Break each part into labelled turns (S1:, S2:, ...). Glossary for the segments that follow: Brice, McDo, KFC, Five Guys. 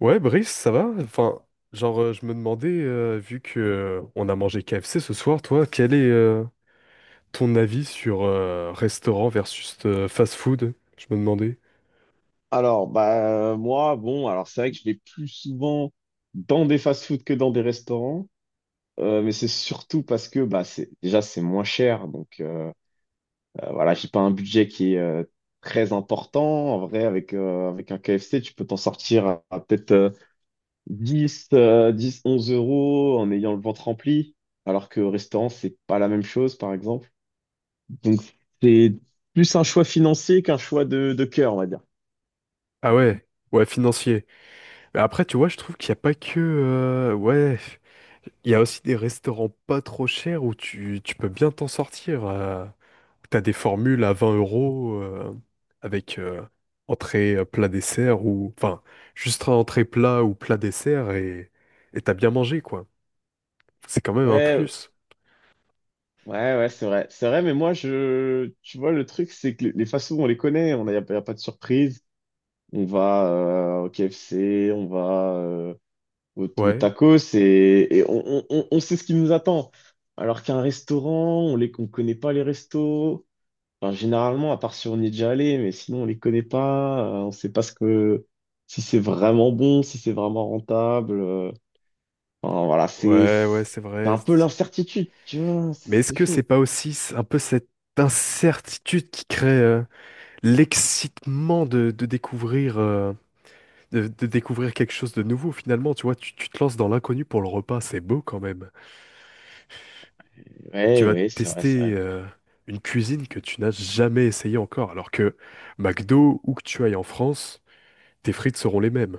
S1: Ouais, Brice, ça va? Enfin, genre, je me demandais, vu que on a mangé KFC ce soir, toi, quel est ton avis sur restaurant versus fast-food? Je me demandais.
S2: Alors, bah, moi, bon, alors c'est vrai que je vais plus souvent dans des fast-food que dans des restaurants, mais c'est surtout parce que bah, c'est, déjà, c'est moins cher. Donc, voilà, j'ai pas un budget qui est très important. En vrai, avec un KFC, tu peux t'en sortir à peut-être 10 10, 11 euros en ayant le ventre rempli, alors que au restaurant, c'est pas la même chose, par exemple. Donc, c'est plus un choix financier qu'un choix de cœur, on va dire.
S1: Ah ouais, ouais, financier. Mais après, tu vois, je trouve qu'il n'y a pas que, ouais. Il y a aussi des restaurants pas trop chers où tu peux bien t'en sortir, où t'as des formules à 20 € avec entrée, plat, dessert, ou enfin juste un entrée plat ou plat dessert et t'as bien mangé quoi. C'est quand même un
S2: Ouais,
S1: plus.
S2: ouais, ouais, c'est vrai. C'est vrai, mais moi, tu vois, le truc, c'est que les fast-food, on les connaît, on a, y a, y a pas de surprise. On va au KFC, on va au
S1: Ouais,
S2: tacos et on sait ce qui nous attend. Alors qu'un restaurant, on connaît pas les restos. Enfin, généralement, à part si on y est déjà allé, mais sinon, on les connaît pas. On sait pas si c'est vraiment bon, si c'est vraiment rentable. Enfin, voilà, c'est,
S1: ouais, ouais,
S2: c'est
S1: c'est vrai.
S2: un peu l'incertitude, tu vois, c'est
S1: Mais est-ce
S2: c'est
S1: que c'est
S2: chaud.
S1: pas aussi un peu cette incertitude qui crée l'excitement de découvrir quelque chose de nouveau finalement. Tu vois, tu te lances dans l'inconnu pour le repas, c'est beau quand même. Tu
S2: Ouais,
S1: vas
S2: ouais, c'est vrai, c'est
S1: tester
S2: vrai.
S1: une cuisine que tu n'as jamais essayée encore, alors que McDo, où que tu ailles en France, tes frites seront les mêmes.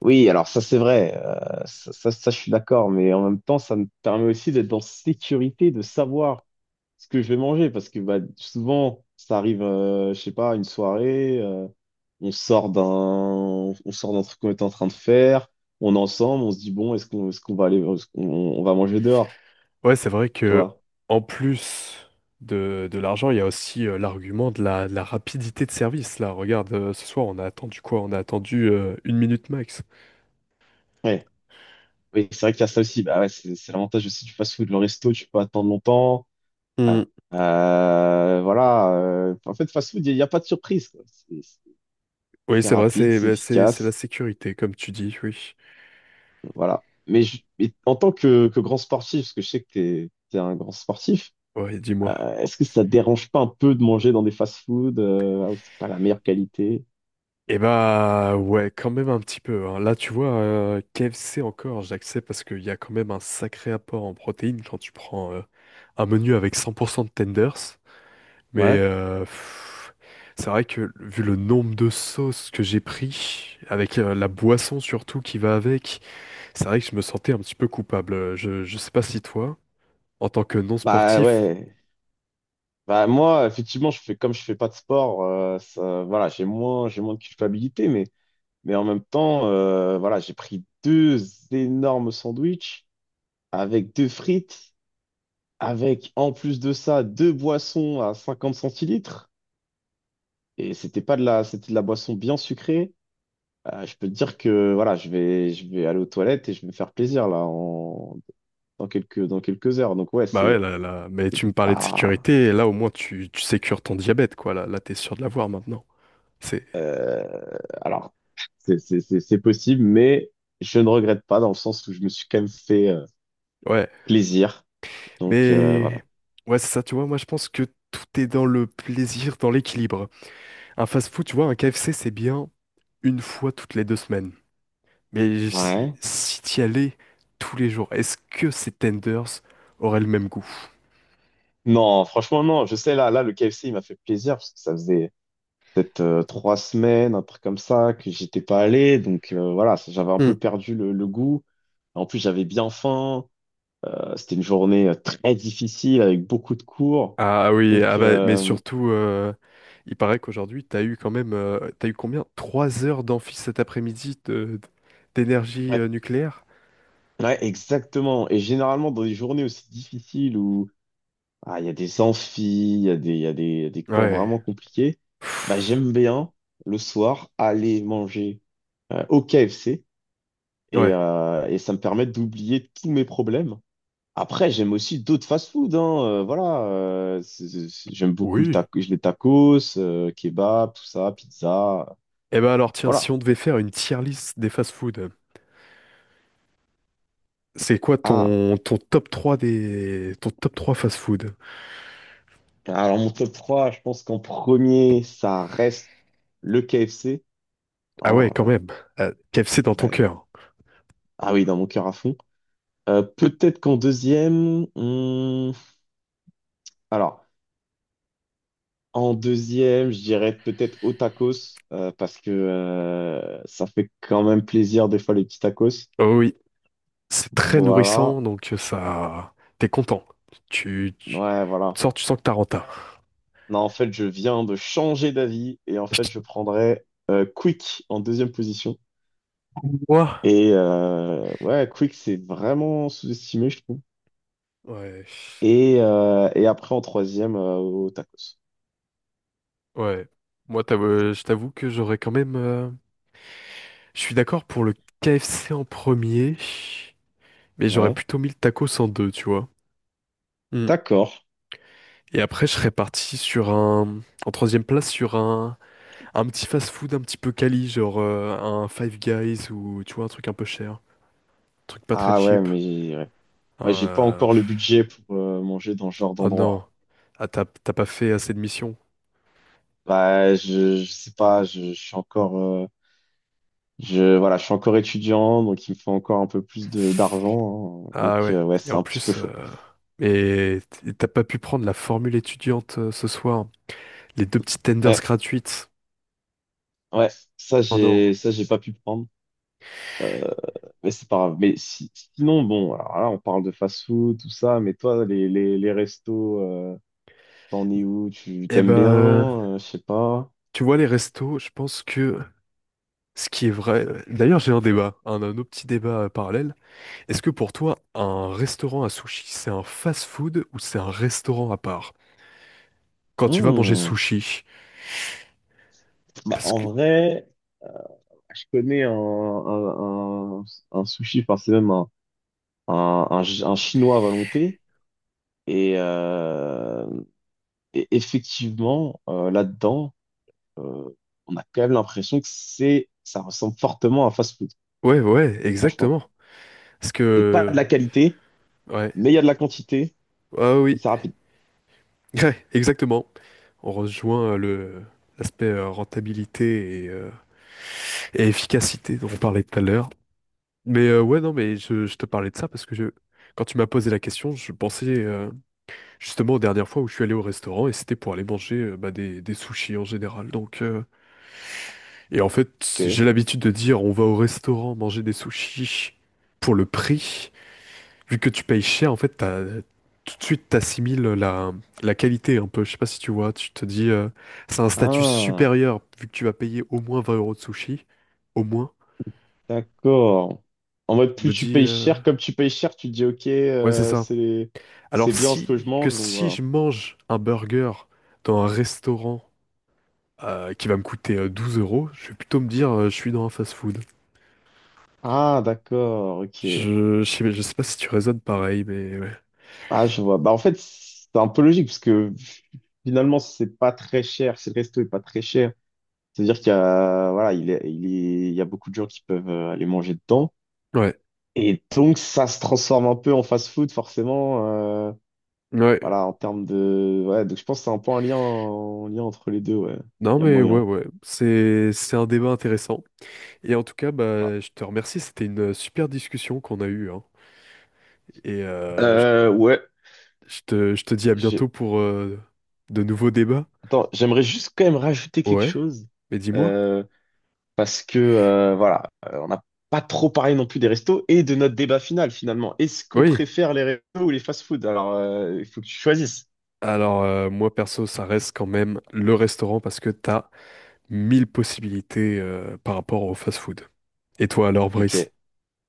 S2: Oui, alors ça c'est vrai, je suis d'accord, mais en même temps ça me permet aussi d'être en sécurité, de savoir ce que je vais manger, parce que bah, souvent ça arrive, je sais pas, une soirée, on sort d'un truc qu'on était en train de faire, on est ensemble, on se dit bon, est-ce qu'on va aller, est-ce qu'on- on va manger dehors,
S1: Ouais, c'est vrai
S2: tu
S1: que
S2: vois?
S1: en plus de l'argent, il y a aussi l'argument de la rapidité de service. Là, regarde, ce soir, on a attendu quoi? On a attendu une minute max.
S2: Ouais, oui, c'est vrai qu'il y a ça aussi, bah ouais, c'est l'avantage aussi du fast-food, le resto, tu peux attendre longtemps.
S1: Hmm.
S2: Voilà. En fait, fast food, il n'y a pas de surprise, quoi. C'est
S1: Oui,
S2: c'est
S1: c'est vrai,
S2: rapide,
S1: c'est
S2: c'est
S1: bah, c'est la
S2: efficace.
S1: sécurité, comme tu dis, oui.
S2: Voilà. Mais, mais en tant que grand sportif, parce que je sais que t'es un grand sportif,
S1: Ouais, dis-moi.
S2: est-ce que ça te dérange pas un peu de manger dans des fast food là où c'est pas la meilleure qualité?
S1: Eh bah ouais, quand même un petit peu, hein. Là, tu vois, KFC encore, j'accepte parce qu'il y a quand même un sacré apport en protéines quand tu prends un menu avec 100% de tenders. Mais
S2: Ouais.
S1: pff, c'est vrai que vu le nombre de sauces que j'ai pris, avec la boisson surtout qui va avec, c'est vrai que je me sentais un petit peu coupable. Je sais pas si toi, en tant que non
S2: Bah
S1: sportif,
S2: ouais. Bah moi, effectivement, je fais comme je fais pas de sport, voilà, j'ai moins de culpabilité, mais en même temps, voilà, j'ai pris deux énormes sandwichs avec deux frites, avec en plus de ça deux boissons à 50 centilitres. Et c'était pas de la, c'était de la boisson bien sucrée. Je peux te dire que voilà, je vais aller aux toilettes et je vais me faire plaisir là en, dans quelques heures. Donc ouais,
S1: bah ouais,
S2: c'est
S1: là, là, mais
S2: c'est
S1: tu me parlais de
S2: pas.
S1: sécurité, et là au moins tu sécures ton diabète, quoi. Là, là t'es sûr de l'avoir maintenant. C'est...
S2: euh, Alors, c'est possible, mais je ne regrette pas dans le sens où je me suis quand même fait
S1: Ouais.
S2: plaisir. Donc,
S1: Mais
S2: voilà.
S1: ouais, c'est ça, tu vois, moi je pense que tout est dans le plaisir, dans l'équilibre. Un fast-food, tu vois, un KFC, c'est bien une fois toutes les 2 semaines. Mais
S2: Ouais.
S1: si t'y allais tous les jours, est-ce que ces tenders auraient le même goût?
S2: Non, franchement, non. Je sais, là, là, le KFC, il m'a fait plaisir parce que ça faisait peut-être 3 semaines, un truc comme ça, que j'étais pas allé. Donc voilà, j'avais un
S1: Hmm.
S2: peu perdu le goût. En plus, j'avais bien faim. C'était une journée très difficile avec beaucoup de cours.
S1: Ah oui, ah
S2: Donc,
S1: bah, mais surtout, il paraît qu'aujourd'hui, t'as eu quand même, t'as eu combien? 3 heures d'amphi cet après-midi d'énergie
S2: ouais,
S1: nucléaire?
S2: ouais, exactement. Et généralement, dans des journées aussi difficiles où il y a des amphis, il y a des, il y a des, il y a des cours
S1: Ouais.
S2: vraiment compliqués, bah,
S1: Pff,
S2: j'aime bien le soir aller manger au KFC. Et,
S1: ouais.
S2: euh, et ça me permet d'oublier tous mes problèmes. Après, j'aime aussi d'autres fast-food, hein, voilà. J'aime beaucoup le
S1: Oui.
S2: taco, les tacos, kebab, tout ça, pizza,
S1: Eh ben alors tiens, si
S2: voilà.
S1: on devait faire une tier list des fast-food, c'est quoi
S2: Ah,
S1: ton top 3 fast-food?
S2: alors mon top 3, je pense qu'en premier, ça reste le KFC,
S1: Ah ouais,
S2: hein.
S1: quand même. KFC dans
S2: Ah
S1: ton
S2: ouais.
S1: cœur.
S2: Ah oui, dans mon cœur à fond. Peut-être qu'en deuxième, alors en deuxième, je dirais peut-être au tacos parce que ça fait quand même plaisir des fois les petits tacos.
S1: Oh oui, c'est très
S2: Voilà.
S1: nourrissant, donc ça t'es content. Tu, tu,
S2: Ouais,
S1: tu
S2: voilà.
S1: sors, tu sens que t'as renta.
S2: Non, en fait, je viens de changer d'avis et en fait, je prendrais Quick en deuxième position.
S1: Moi,
S2: Et ouais, Quick, c'est vraiment sous-estimé, je trouve.
S1: ouais,
S2: Et après, en troisième, au tacos.
S1: ouais. Moi, je t'avoue que j'aurais quand même. Je suis d'accord pour le KFC en premier, mais j'aurais
S2: Ouais,
S1: plutôt mis le tacos en deux, tu vois. Hmm.
S2: d'accord.
S1: Et après, je serais parti sur un, en troisième place sur un petit fast-food un petit peu quali, genre un Five Guys ou tu vois, un truc un peu cher, un truc pas très
S2: Ah ouais,
S1: cheap.
S2: mais ouais.
S1: Un,
S2: Moi, j'ai pas
S1: euh,
S2: encore le budget pour manger dans ce genre
S1: Oh
S2: d'endroit.
S1: non, ah, t'as pas fait assez de missions.
S2: Bah, je sais pas, je suis encore, voilà, je suis encore étudiant, donc il me faut encore un peu plus de d'argent. Hein. Donc,
S1: Ah ouais,
S2: ouais,
S1: et
S2: c'est
S1: en
S2: un petit peu
S1: plus,
S2: chaud.
S1: mais t'as pas pu prendre la formule étudiante ce soir, les deux petites tenders
S2: Ouais,
S1: gratuites.
S2: ouais, ça
S1: Oh non.
S2: j'ai ça j'ai pas pu prendre, mais c'est pas grave. Mais si, sinon bon, alors là on parle de fast-food tout ça, mais toi les restos, t'en es où? Tu
S1: Eh
S2: t'aimes bien?
S1: ben,
S2: Je sais pas.
S1: tu vois, les restos, je pense que ce qui est vrai. D'ailleurs, j'ai un débat, un autre petit débat parallèle. Est-ce que pour toi, un restaurant à sushi, c'est un fast-food ou c'est un restaurant à part? Quand tu vas manger
S2: Hmm.
S1: sushi,
S2: Bah
S1: parce
S2: en
S1: que
S2: vrai, je connais un sushi, enfin c'est même un chinois à volonté et, euh, et effectivement là-dedans, euh, on a quand même l'impression que c'est ça ressemble fortement à un fast-food,
S1: ouais, ouais,
S2: franchement.
S1: exactement. Parce
S2: C'est pas de la
S1: que
S2: qualité,
S1: ouais,
S2: mais il y a de la quantité
S1: ah
S2: et
S1: oui,
S2: c'est rapide.
S1: ouais, exactement. On rejoint le l'aspect rentabilité et efficacité dont on parlait tout à l'heure. Mais ouais, non, mais je te parlais de ça parce que quand tu m'as posé la question, je pensais justement aux dernières fois où je suis allé au restaurant et c'était pour aller manger bah, des sushis en général. Donc. Et en fait,
S2: Ok.
S1: j'ai l'habitude de dire on va au restaurant manger des sushis pour le prix. Vu que tu payes cher, en fait, tout de suite, t'assimiles la qualité un peu. Je sais pas si tu vois, tu te dis c'est un statut
S2: Ah,
S1: supérieur vu que tu vas payer au moins 20 € de sushi. Au moins.
S2: d'accord. En mode,
S1: Je
S2: plus
S1: me
S2: tu
S1: dis
S2: payes cher, comme tu payes cher, tu te dis, ok,
S1: ouais, c'est ça.
S2: c'est
S1: Alors
S2: bien ce que je mange, donc
S1: si
S2: voilà.
S1: je mange un burger dans un restaurant qui va me coûter 12 euros, je vais plutôt me dire je suis dans un fast-food.
S2: Ah, d'accord, ok.
S1: Je sais pas si tu raisonnes pareil, mais ouais.
S2: Ah, je vois. Bah, en fait, c'est un peu logique, parce que finalement, si c'est pas très cher, si le resto est pas très cher, c'est-à-dire qu'il y a, voilà, il y a beaucoup de gens qui peuvent aller manger dedans.
S1: Ouais,
S2: Et donc, ça se transforme un peu en fast-food, forcément. euh,
S1: ouais,
S2: Voilà, en termes de. Ouais, donc je pense que c'est un peu un lien entre les deux, ouais.
S1: non
S2: Il y a
S1: mais ouais
S2: moyen.
S1: ouais, c'est un débat intéressant. Et en tout cas,
S2: Voilà.
S1: bah je te remercie, c'était une super discussion qu'on a eue, hein. Et je,
S2: Ouais.
S1: je te je te dis à
S2: Je-
S1: bientôt pour de nouveaux débats.
S2: Attends, j'aimerais juste quand même rajouter quelque
S1: Ouais,
S2: chose.
S1: mais dis-moi.
S2: euh, Parce que, voilà, on n'a pas trop parlé non plus des restos et de notre débat final, finalement. Est-ce qu'on
S1: Oui.
S2: préfère les restos ou les fast-food? Alors, il faut que tu choisisses.
S1: Alors moi perso, ça reste quand même le restaurant parce que t'as 1 000 possibilités par rapport au fast-food. Et toi alors,
S2: Ok.
S1: Brice?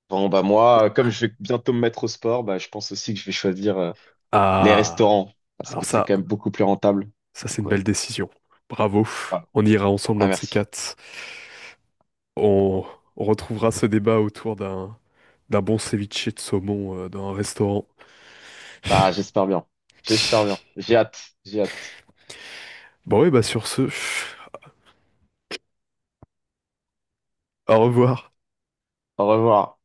S2: Bon, bah, moi, comme je vais bientôt me mettre au sport, bah, je pense aussi que je vais choisir, les
S1: Ah,
S2: restaurants. Parce
S1: alors
S2: que c'est
S1: ça,
S2: quand même beaucoup plus rentable.
S1: ça c'est
S2: Donc,
S1: une
S2: ouais.
S1: belle décision. Bravo.
S2: Voilà.
S1: On ira ensemble
S2: Ah,
S1: un de ces
S2: merci.
S1: quatre. On, on retrouvera ce débat autour d'un bon ceviche de saumon dans un restaurant.
S2: Bah, j'espère bien. J'espère bien. J'ai hâte. J'ai hâte.
S1: Bon, ouais, bah sur ce, au revoir.
S2: Au revoir.